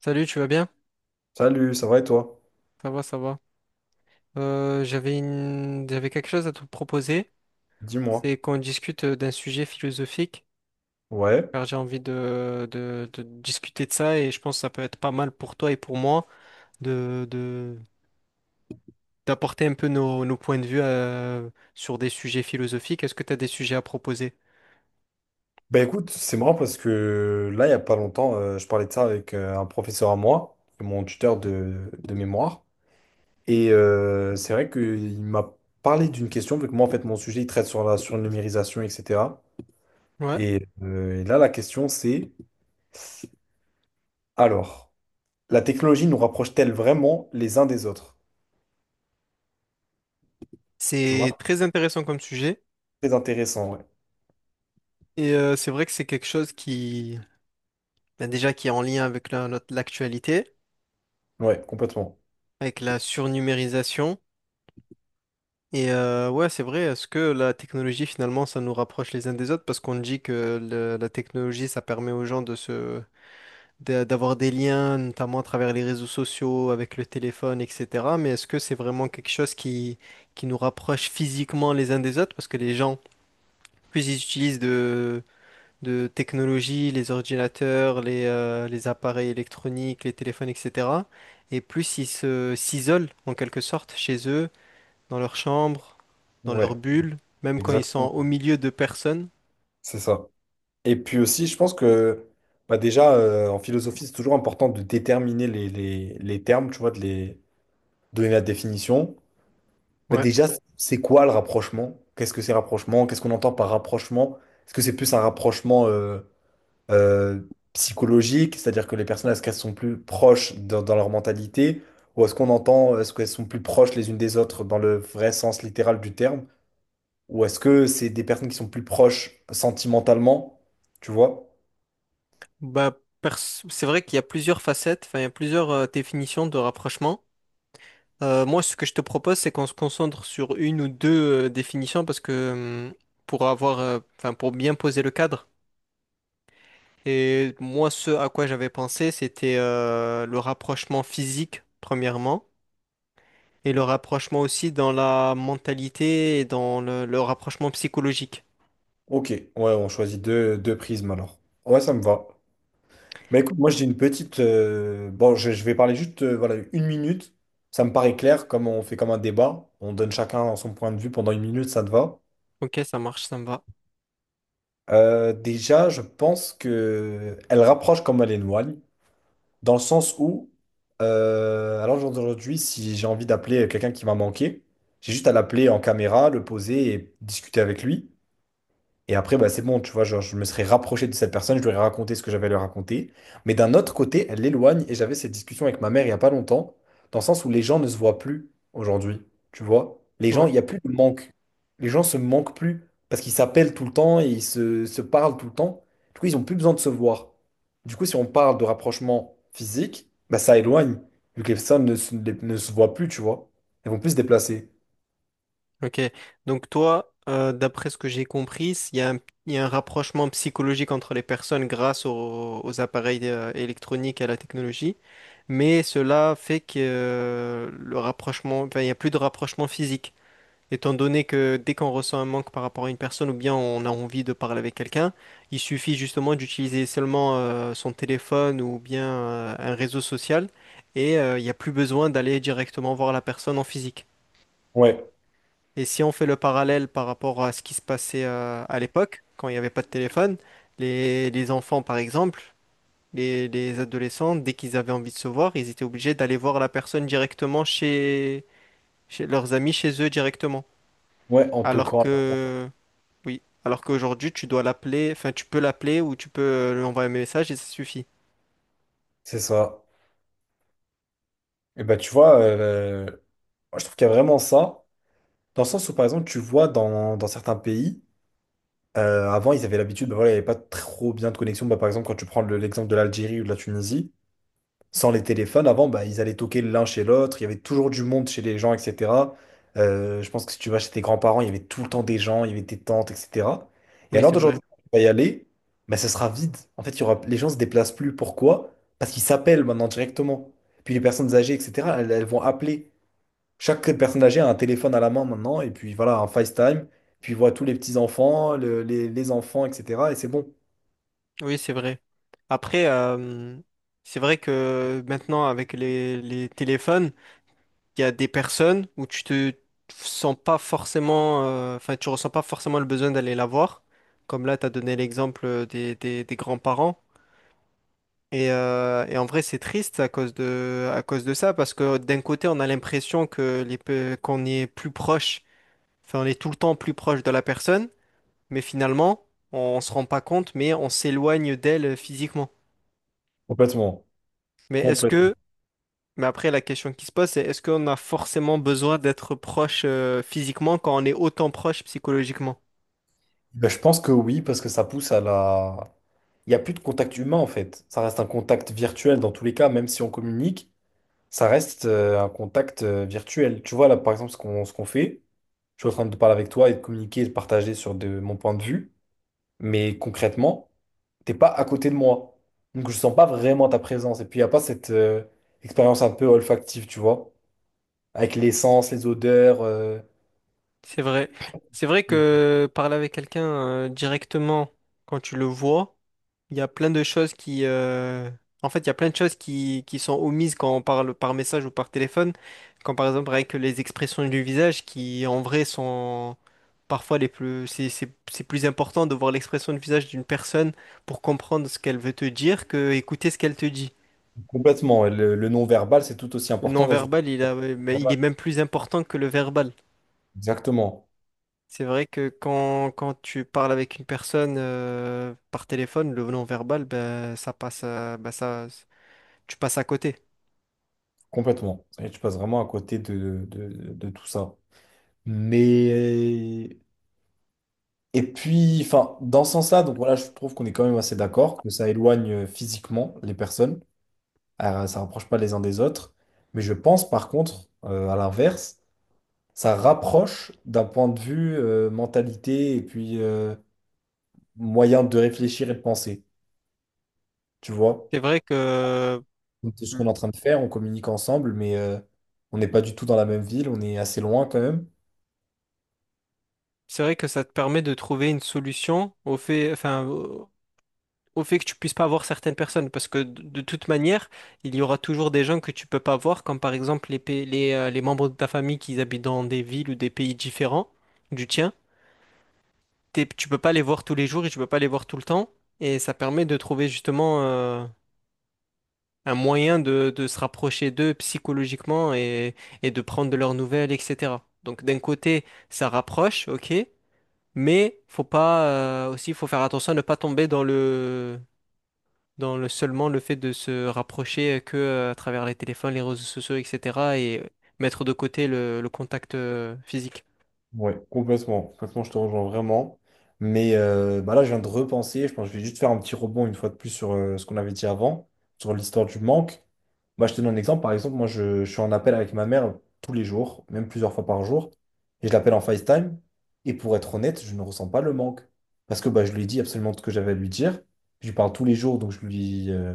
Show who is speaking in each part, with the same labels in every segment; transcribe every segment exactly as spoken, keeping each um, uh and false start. Speaker 1: Salut, tu vas bien?
Speaker 2: Salut, ça va et toi?
Speaker 1: Ça va, ça va. Euh, j'avais une... j'avais quelque chose à te proposer.
Speaker 2: Dis-moi.
Speaker 1: C'est qu'on discute euh, d'un sujet philosophique,
Speaker 2: Ouais.
Speaker 1: car j'ai envie de, de, de discuter de ça et je pense que ça peut être pas mal pour toi et pour moi de, de, d'apporter un peu nos, nos points de vue euh, sur des sujets philosophiques. Est-ce que tu as des sujets à proposer?
Speaker 2: Bah écoute, c'est marrant parce que là, il n'y a pas longtemps, euh, je parlais de ça avec euh, un professeur à moi, mon tuteur de, de mémoire. Et euh, c'est vrai qu'il m'a parlé d'une question, vu que moi, en fait, mon sujet, il traite sur la surnumérisation, et cetera.
Speaker 1: Ouais.
Speaker 2: Et, euh, et là, la question, c'est, alors, la technologie nous rapproche-t-elle vraiment les uns des autres? Tu vois?
Speaker 1: C'est très intéressant comme sujet
Speaker 2: Très intéressant, ouais.
Speaker 1: et euh, c'est vrai que c'est quelque chose qui, ben déjà, qui est en lien avec la- notre- l'actualité.
Speaker 2: Ouais, complètement.
Speaker 1: Avec la surnumérisation. Et euh, ouais, c'est vrai, est-ce que la technologie, finalement, ça nous rapproche les uns des autres? Parce qu'on dit que le- la technologie, ça permet aux gens de se, d'a- d'avoir des liens, notamment à travers les réseaux sociaux, avec le téléphone, et cetera. Mais est-ce que c'est vraiment quelque chose qui, qui nous rapproche physiquement les uns des autres? Parce que les gens, plus ils utilisent de, de technologie, les ordinateurs, les, euh, les appareils électroniques, les téléphones, et cetera. Et plus ils se, s'isolent, en quelque sorte, chez eux dans leur chambre, dans leur
Speaker 2: Ouais,
Speaker 1: bulle, même quand ils sont
Speaker 2: exactement.
Speaker 1: au milieu de personnes.
Speaker 2: C'est ça. Et puis aussi, je pense que bah déjà, euh, en philosophie, c'est toujours important de déterminer les, les- les termes, tu vois, de les donner la définition. Bah
Speaker 1: Ouais.
Speaker 2: déjà, c'est quoi le rapprochement? Qu'est-ce que c'est rapprochement? Qu'est-ce qu'on entend par rapprochement? Est-ce que c'est plus un rapprochement euh, euh, psychologique, c'est-à-dire que les personnes, est-ce qu'elles sont plus proches dans, dans leur mentalité? Ou est-ce qu'on entend, est-ce qu'elles sont plus proches les unes des autres dans le vrai sens littéral du terme? Ou est-ce que c'est des personnes qui sont plus proches sentimentalement, tu vois?
Speaker 1: Bah, pers- c'est vrai qu'il y a plusieurs facettes, enfin, il y a plusieurs euh, définitions de rapprochement. Euh, moi, ce que je te propose, c'est qu'on se concentre sur une ou deux euh, définitions parce que hum, pour avoir, euh, enfin, pour bien poser le cadre. Et moi, ce à quoi j'avais pensé, c'était euh, le rapprochement physique, premièrement, et le rapprochement aussi dans la mentalité et dans le le rapprochement psychologique.
Speaker 2: Ok, ouais, on choisit deux, deux prismes alors. Ouais, ça me va. Mais écoute, moi j'ai une petite. euh, Bon, je, je vais parler juste euh, voilà, une minute. Ça me paraît clair, comme on fait comme un débat. On donne chacun son point de vue pendant une minute, ça te va.
Speaker 1: Ok, ça marche, ça me va.
Speaker 2: Euh, déjà, je pense que elle rapproche comme elle éloigne, dans le sens où, euh, à l'heure d'aujourd'hui, si j'ai envie d'appeler quelqu'un qui m'a manqué, j'ai juste à l'appeler en caméra, le poser et discuter avec lui. Et après, bah, c'est bon, tu vois, genre, je me serais rapproché de cette personne, je lui aurais raconté ce que j'avais à lui raconter. Mais d'un autre côté, elle l'éloigne et j'avais cette discussion avec ma mère il n'y a pas longtemps, dans le sens où les gens ne se voient plus aujourd'hui, tu vois. Les gens,
Speaker 1: Ouais.
Speaker 2: il n'y a plus de manque. Les gens se manquent plus parce qu'ils s'appellent tout le temps et ils se, se parlent tout le temps. Du coup, ils n'ont plus besoin de se voir. Du coup, si on parle de rapprochement physique, bah, ça éloigne, vu que les personnes ne se, ne se voient plus, tu vois. Elles vont plus se déplacer.
Speaker 1: Ok, donc toi, euh, d'après ce que j'ai compris, s- il y a un, il y a un rapprochement psychologique entre les personnes grâce aux, aux appareils euh, électroniques et à la technologie, mais cela fait que euh, le rapprochement, enfin, il n'y a plus de rapprochement physique, étant donné que dès qu'on ressent un manque par rapport à une personne ou bien on a envie de parler avec quelqu'un, il suffit justement d'utiliser seulement euh, son téléphone ou bien euh, un réseau social et euh, il n'y a plus besoin d'aller directement voir la personne en physique.
Speaker 2: Ouais,
Speaker 1: Et si on fait le parallèle par rapport à ce qui se passait euh, à l'époque, quand il n'y avait pas de téléphone, les, les enfants, par exemple, les, les adolescents, dès qu'ils avaient envie de se voir, ils étaient obligés d'aller voir la personne directement chez, chez leurs amis, chez eux directement.
Speaker 2: ouais, en
Speaker 1: Alors
Speaker 2: toquant. À
Speaker 1: que, oui, alors qu'aujourd'hui, tu dois l'appeler, enfin, tu peux l'appeler ou tu peux euh, lui envoyer un message et ça suffit.
Speaker 2: C'est ça. Et ben, tu vois, euh, moi, je trouve qu'il y a vraiment ça, dans le sens où, par exemple, tu vois, dans, dans certains pays, euh, avant, ils avaient l'habitude, ben voilà, il n'y avait pas trop bien de connexion. Ben, par exemple, quand tu prends le- l'exemple de l'Algérie ou de la Tunisie, sans les téléphones, avant, ben, ils allaient toquer l'un chez l'autre, il y avait toujours du monde chez les gens, et cetera. Euh, je pense que si tu vas chez tes grands-parents, il y avait tout le temps des gens, il y avait tes tantes, et cetera. Et
Speaker 1: Oui,
Speaker 2: alors
Speaker 1: c'est vrai.
Speaker 2: d'aujourd'hui, quand tu vas y aller, ben, ce sera vide. En fait, il y aura, les gens se déplacent plus. Pourquoi? Parce qu'ils s'appellent maintenant directement. Puis les personnes âgées, et cetera, elles elles vont appeler. Chaque personne âgée a un téléphone à la main maintenant, et puis voilà, un FaceTime, puis il voit tous les petits-enfants, le- les, les enfants, et cetera. Et c'est bon.
Speaker 1: Oui, c'est vrai. Après, euh, c'est vrai que maintenant, avec les les téléphones, il y a des personnes où tu te sens pas forcément, euh, enfin, tu ressens pas forcément le besoin d'aller la voir. Comme là, tu as donné l'exemple euh, des, des- des grands-parents. Et, euh, et en vrai, c'est triste à cause de, à cause de ça, parce que d'un côté, on a l'impression que les, pe- qu'on y est plus proche, enfin, on est tout le temps plus proche de la personne, mais finalement, on se rend pas compte, mais on s'éloigne d'elle euh, physiquement.
Speaker 2: Complètement.
Speaker 1: Mais est-ce
Speaker 2: Complètement.
Speaker 1: que Mais après, la question qui se pose, c'est est-ce qu'on a forcément besoin d'être proche euh, physiquement quand on est autant proche psychologiquement?
Speaker 2: Ben, je pense que oui, parce que ça pousse à la… Il n'y a plus de contact humain, en fait. Ça reste un contact virtuel dans tous les cas, même si on communique, ça reste euh, un contact euh, virtuel. Tu vois, là, par exemple, ce qu'on ce qu'on fait, je suis en train de parler avec toi et de communiquer et de partager sur de, mon point de vue, mais concrètement, t'es pas à côté de moi. Donc je sens pas vraiment ta présence. Et puis il n'y a pas cette euh, expérience un peu olfactive, tu vois, avec l'essence, les odeurs. euh,
Speaker 1: C'est vrai. C'est vrai
Speaker 2: Oui.
Speaker 1: que parler avec quelqu'un euh, directement quand tu le vois, il y a plein de choses qui... euh, En fait, il y a plein de choses qui, qui sont omises quand on parle par message ou par téléphone, quand par exemple avec les expressions du visage qui en vrai sont parfois les plus... C'est c'est- c'est plus important de voir l'expression du visage d'une personne pour comprendre ce qu'elle veut te dire que écouter ce qu'elle te dit.
Speaker 2: Complètement. Et Le, le non-verbal, c'est tout aussi
Speaker 1: Le
Speaker 2: important dans une
Speaker 1: non-verbal,
Speaker 2: relation
Speaker 1: il a, mais il
Speaker 2: verbale.
Speaker 1: est même plus important que le verbal.
Speaker 2: Exactement.
Speaker 1: C'est vrai que quand, quand tu parles avec une personne euh, par téléphone, le non-verbal, ben, ça passe, à- ben, ça, tu passes à côté.
Speaker 2: Complètement. Et tu passes vraiment à côté de, de, de tout ça. Mais. Et puis, enfin, dans ce sens-là, donc voilà, je trouve qu'on est quand même assez d'accord que ça éloigne euh, physiquement les personnes. Euh, ça rapproche pas les uns des autres. Mais je pense par contre, euh, à l'inverse, ça rapproche d'un point de vue euh, mentalité et puis euh, moyen de réfléchir et de penser, tu vois.
Speaker 1: C'est vrai que,
Speaker 2: Donc, c'est ce qu'on est en train de faire, on communique ensemble, mais euh, on n'est pas du tout dans la même ville, on est assez loin quand même.
Speaker 1: c'est vrai que ça te permet de trouver une solution au fait, enfin, au au fait que tu puisses pas voir certaines personnes, parce que de, de toute manière, il y aura toujours des gens que tu peux pas voir, comme par exemple les, pa- les, euh, les membres de ta famille qui habitent dans des villes ou des pays différents du tien. T'es- tu peux pas les voir tous les jours et tu peux pas les voir tout le temps. Et ça permet de trouver justement euh, un moyen de, de se rapprocher d'eux psychologiquement et, et de prendre de leurs nouvelles, et cetera. Donc d'un côté, ça rapproche, ok, mais faut pas euh, aussi, faut faire attention à ne pas tomber dans le dans le seulement le fait de se rapprocher que euh, à travers les téléphones, les réseaux sociaux, et cetera et mettre de côté le, le contact euh, physique.
Speaker 2: Ouais, complètement. Complètement, je te rejoins vraiment. Mais euh, bah là, je viens de repenser. Je pense que je vais juste faire un petit rebond une fois de plus sur euh, ce qu'on avait dit avant, sur l'histoire du manque. Bah, je te donne un exemple. Par exemple, moi, je, je suis en appel avec ma mère tous les jours, même plusieurs fois par jour. Et je l'appelle en FaceTime. Et pour être honnête, je ne ressens pas le manque. Parce que bah, je lui dis absolument tout ce que j'avais à lui dire. Je lui parle tous les jours, donc je lui, euh,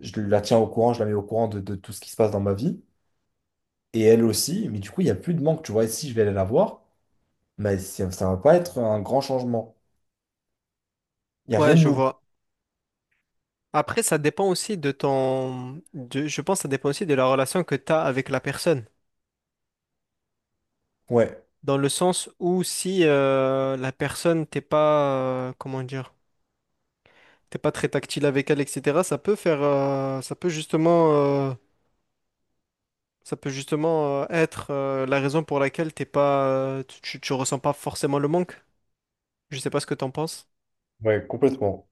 Speaker 2: je la tiens au courant, je la mets au courant de, de tout ce qui se passe dans ma vie. Et elle aussi. Mais du coup, il n'y a plus de manque. Tu vois, et si je vais aller la voir. Bah, ça ça va pas être un grand changement. Il n'y a
Speaker 1: Ouais,
Speaker 2: rien de
Speaker 1: je
Speaker 2: nouveau.
Speaker 1: vois. Après, ça dépend aussi de ton... de- je pense que ça dépend aussi de la relation que tu as avec la personne.
Speaker 2: Ouais.
Speaker 1: Dans le sens où si euh, la personne, t'es pas... euh, comment dire? T'es pas très tactile avec elle, et cetera. Ça peut faire... euh, ça peut justement... euh, ça peut justement euh, être euh, la raison pour laquelle t'es pas... euh, tu, tu tu ressens pas forcément le manque. Je sais pas ce que t'en penses.
Speaker 2: Ouais, complètement.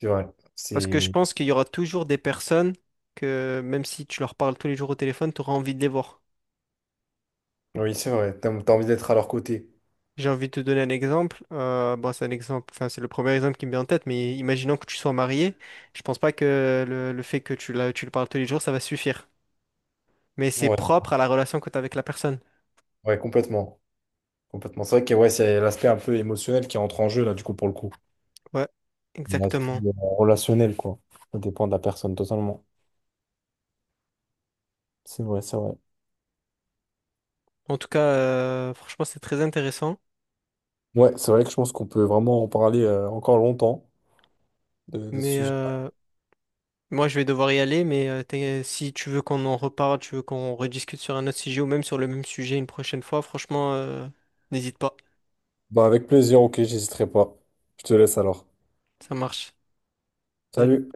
Speaker 2: C'est vrai.
Speaker 1: Parce que je
Speaker 2: C'est…
Speaker 1: pense qu'il y aura toujours des personnes que même si tu leur parles tous les jours au téléphone, tu auras envie de les voir.
Speaker 2: Oui, c'est vrai. T'as, t'as envie d'être à leur côté.
Speaker 1: J'ai envie de te donner un exemple. Euh, bon, c'est un exemple, enfin, c'est le premier exemple qui me vient en tête, mais imaginons que tu sois marié. Je pense pas que le, le fait que tu, la- tu le parles tous les jours, ça va suffire. Mais c'est
Speaker 2: Ouais,
Speaker 1: propre à la relation que tu as avec la personne.
Speaker 2: ouais, complètement. Complètement. C'est vrai que ouais, c'est l'aspect un peu émotionnel qui entre en jeu, là, du coup, pour le coup.
Speaker 1: Ouais,
Speaker 2: Et l'aspect
Speaker 1: exactement.
Speaker 2: euh, relationnel, quoi. Ça dépend de la personne totalement. C'est vrai, c'est vrai.
Speaker 1: En tout cas, euh, franchement, c'est très intéressant.
Speaker 2: Ouais, c'est vrai que je pense qu'on peut vraiment en parler euh, encore longtemps de, de ce
Speaker 1: Mais
Speaker 2: sujet.
Speaker 1: euh, moi, je vais devoir y aller. Mais euh, t'es- si tu veux qu'on en reparle, tu veux qu'on rediscute sur un autre sujet ou même sur le même sujet une prochaine fois, franchement, euh, n'hésite pas.
Speaker 2: Bah, avec plaisir, ok, j'hésiterai pas. Je te laisse alors.
Speaker 1: Ça marche. Salut.
Speaker 2: Salut.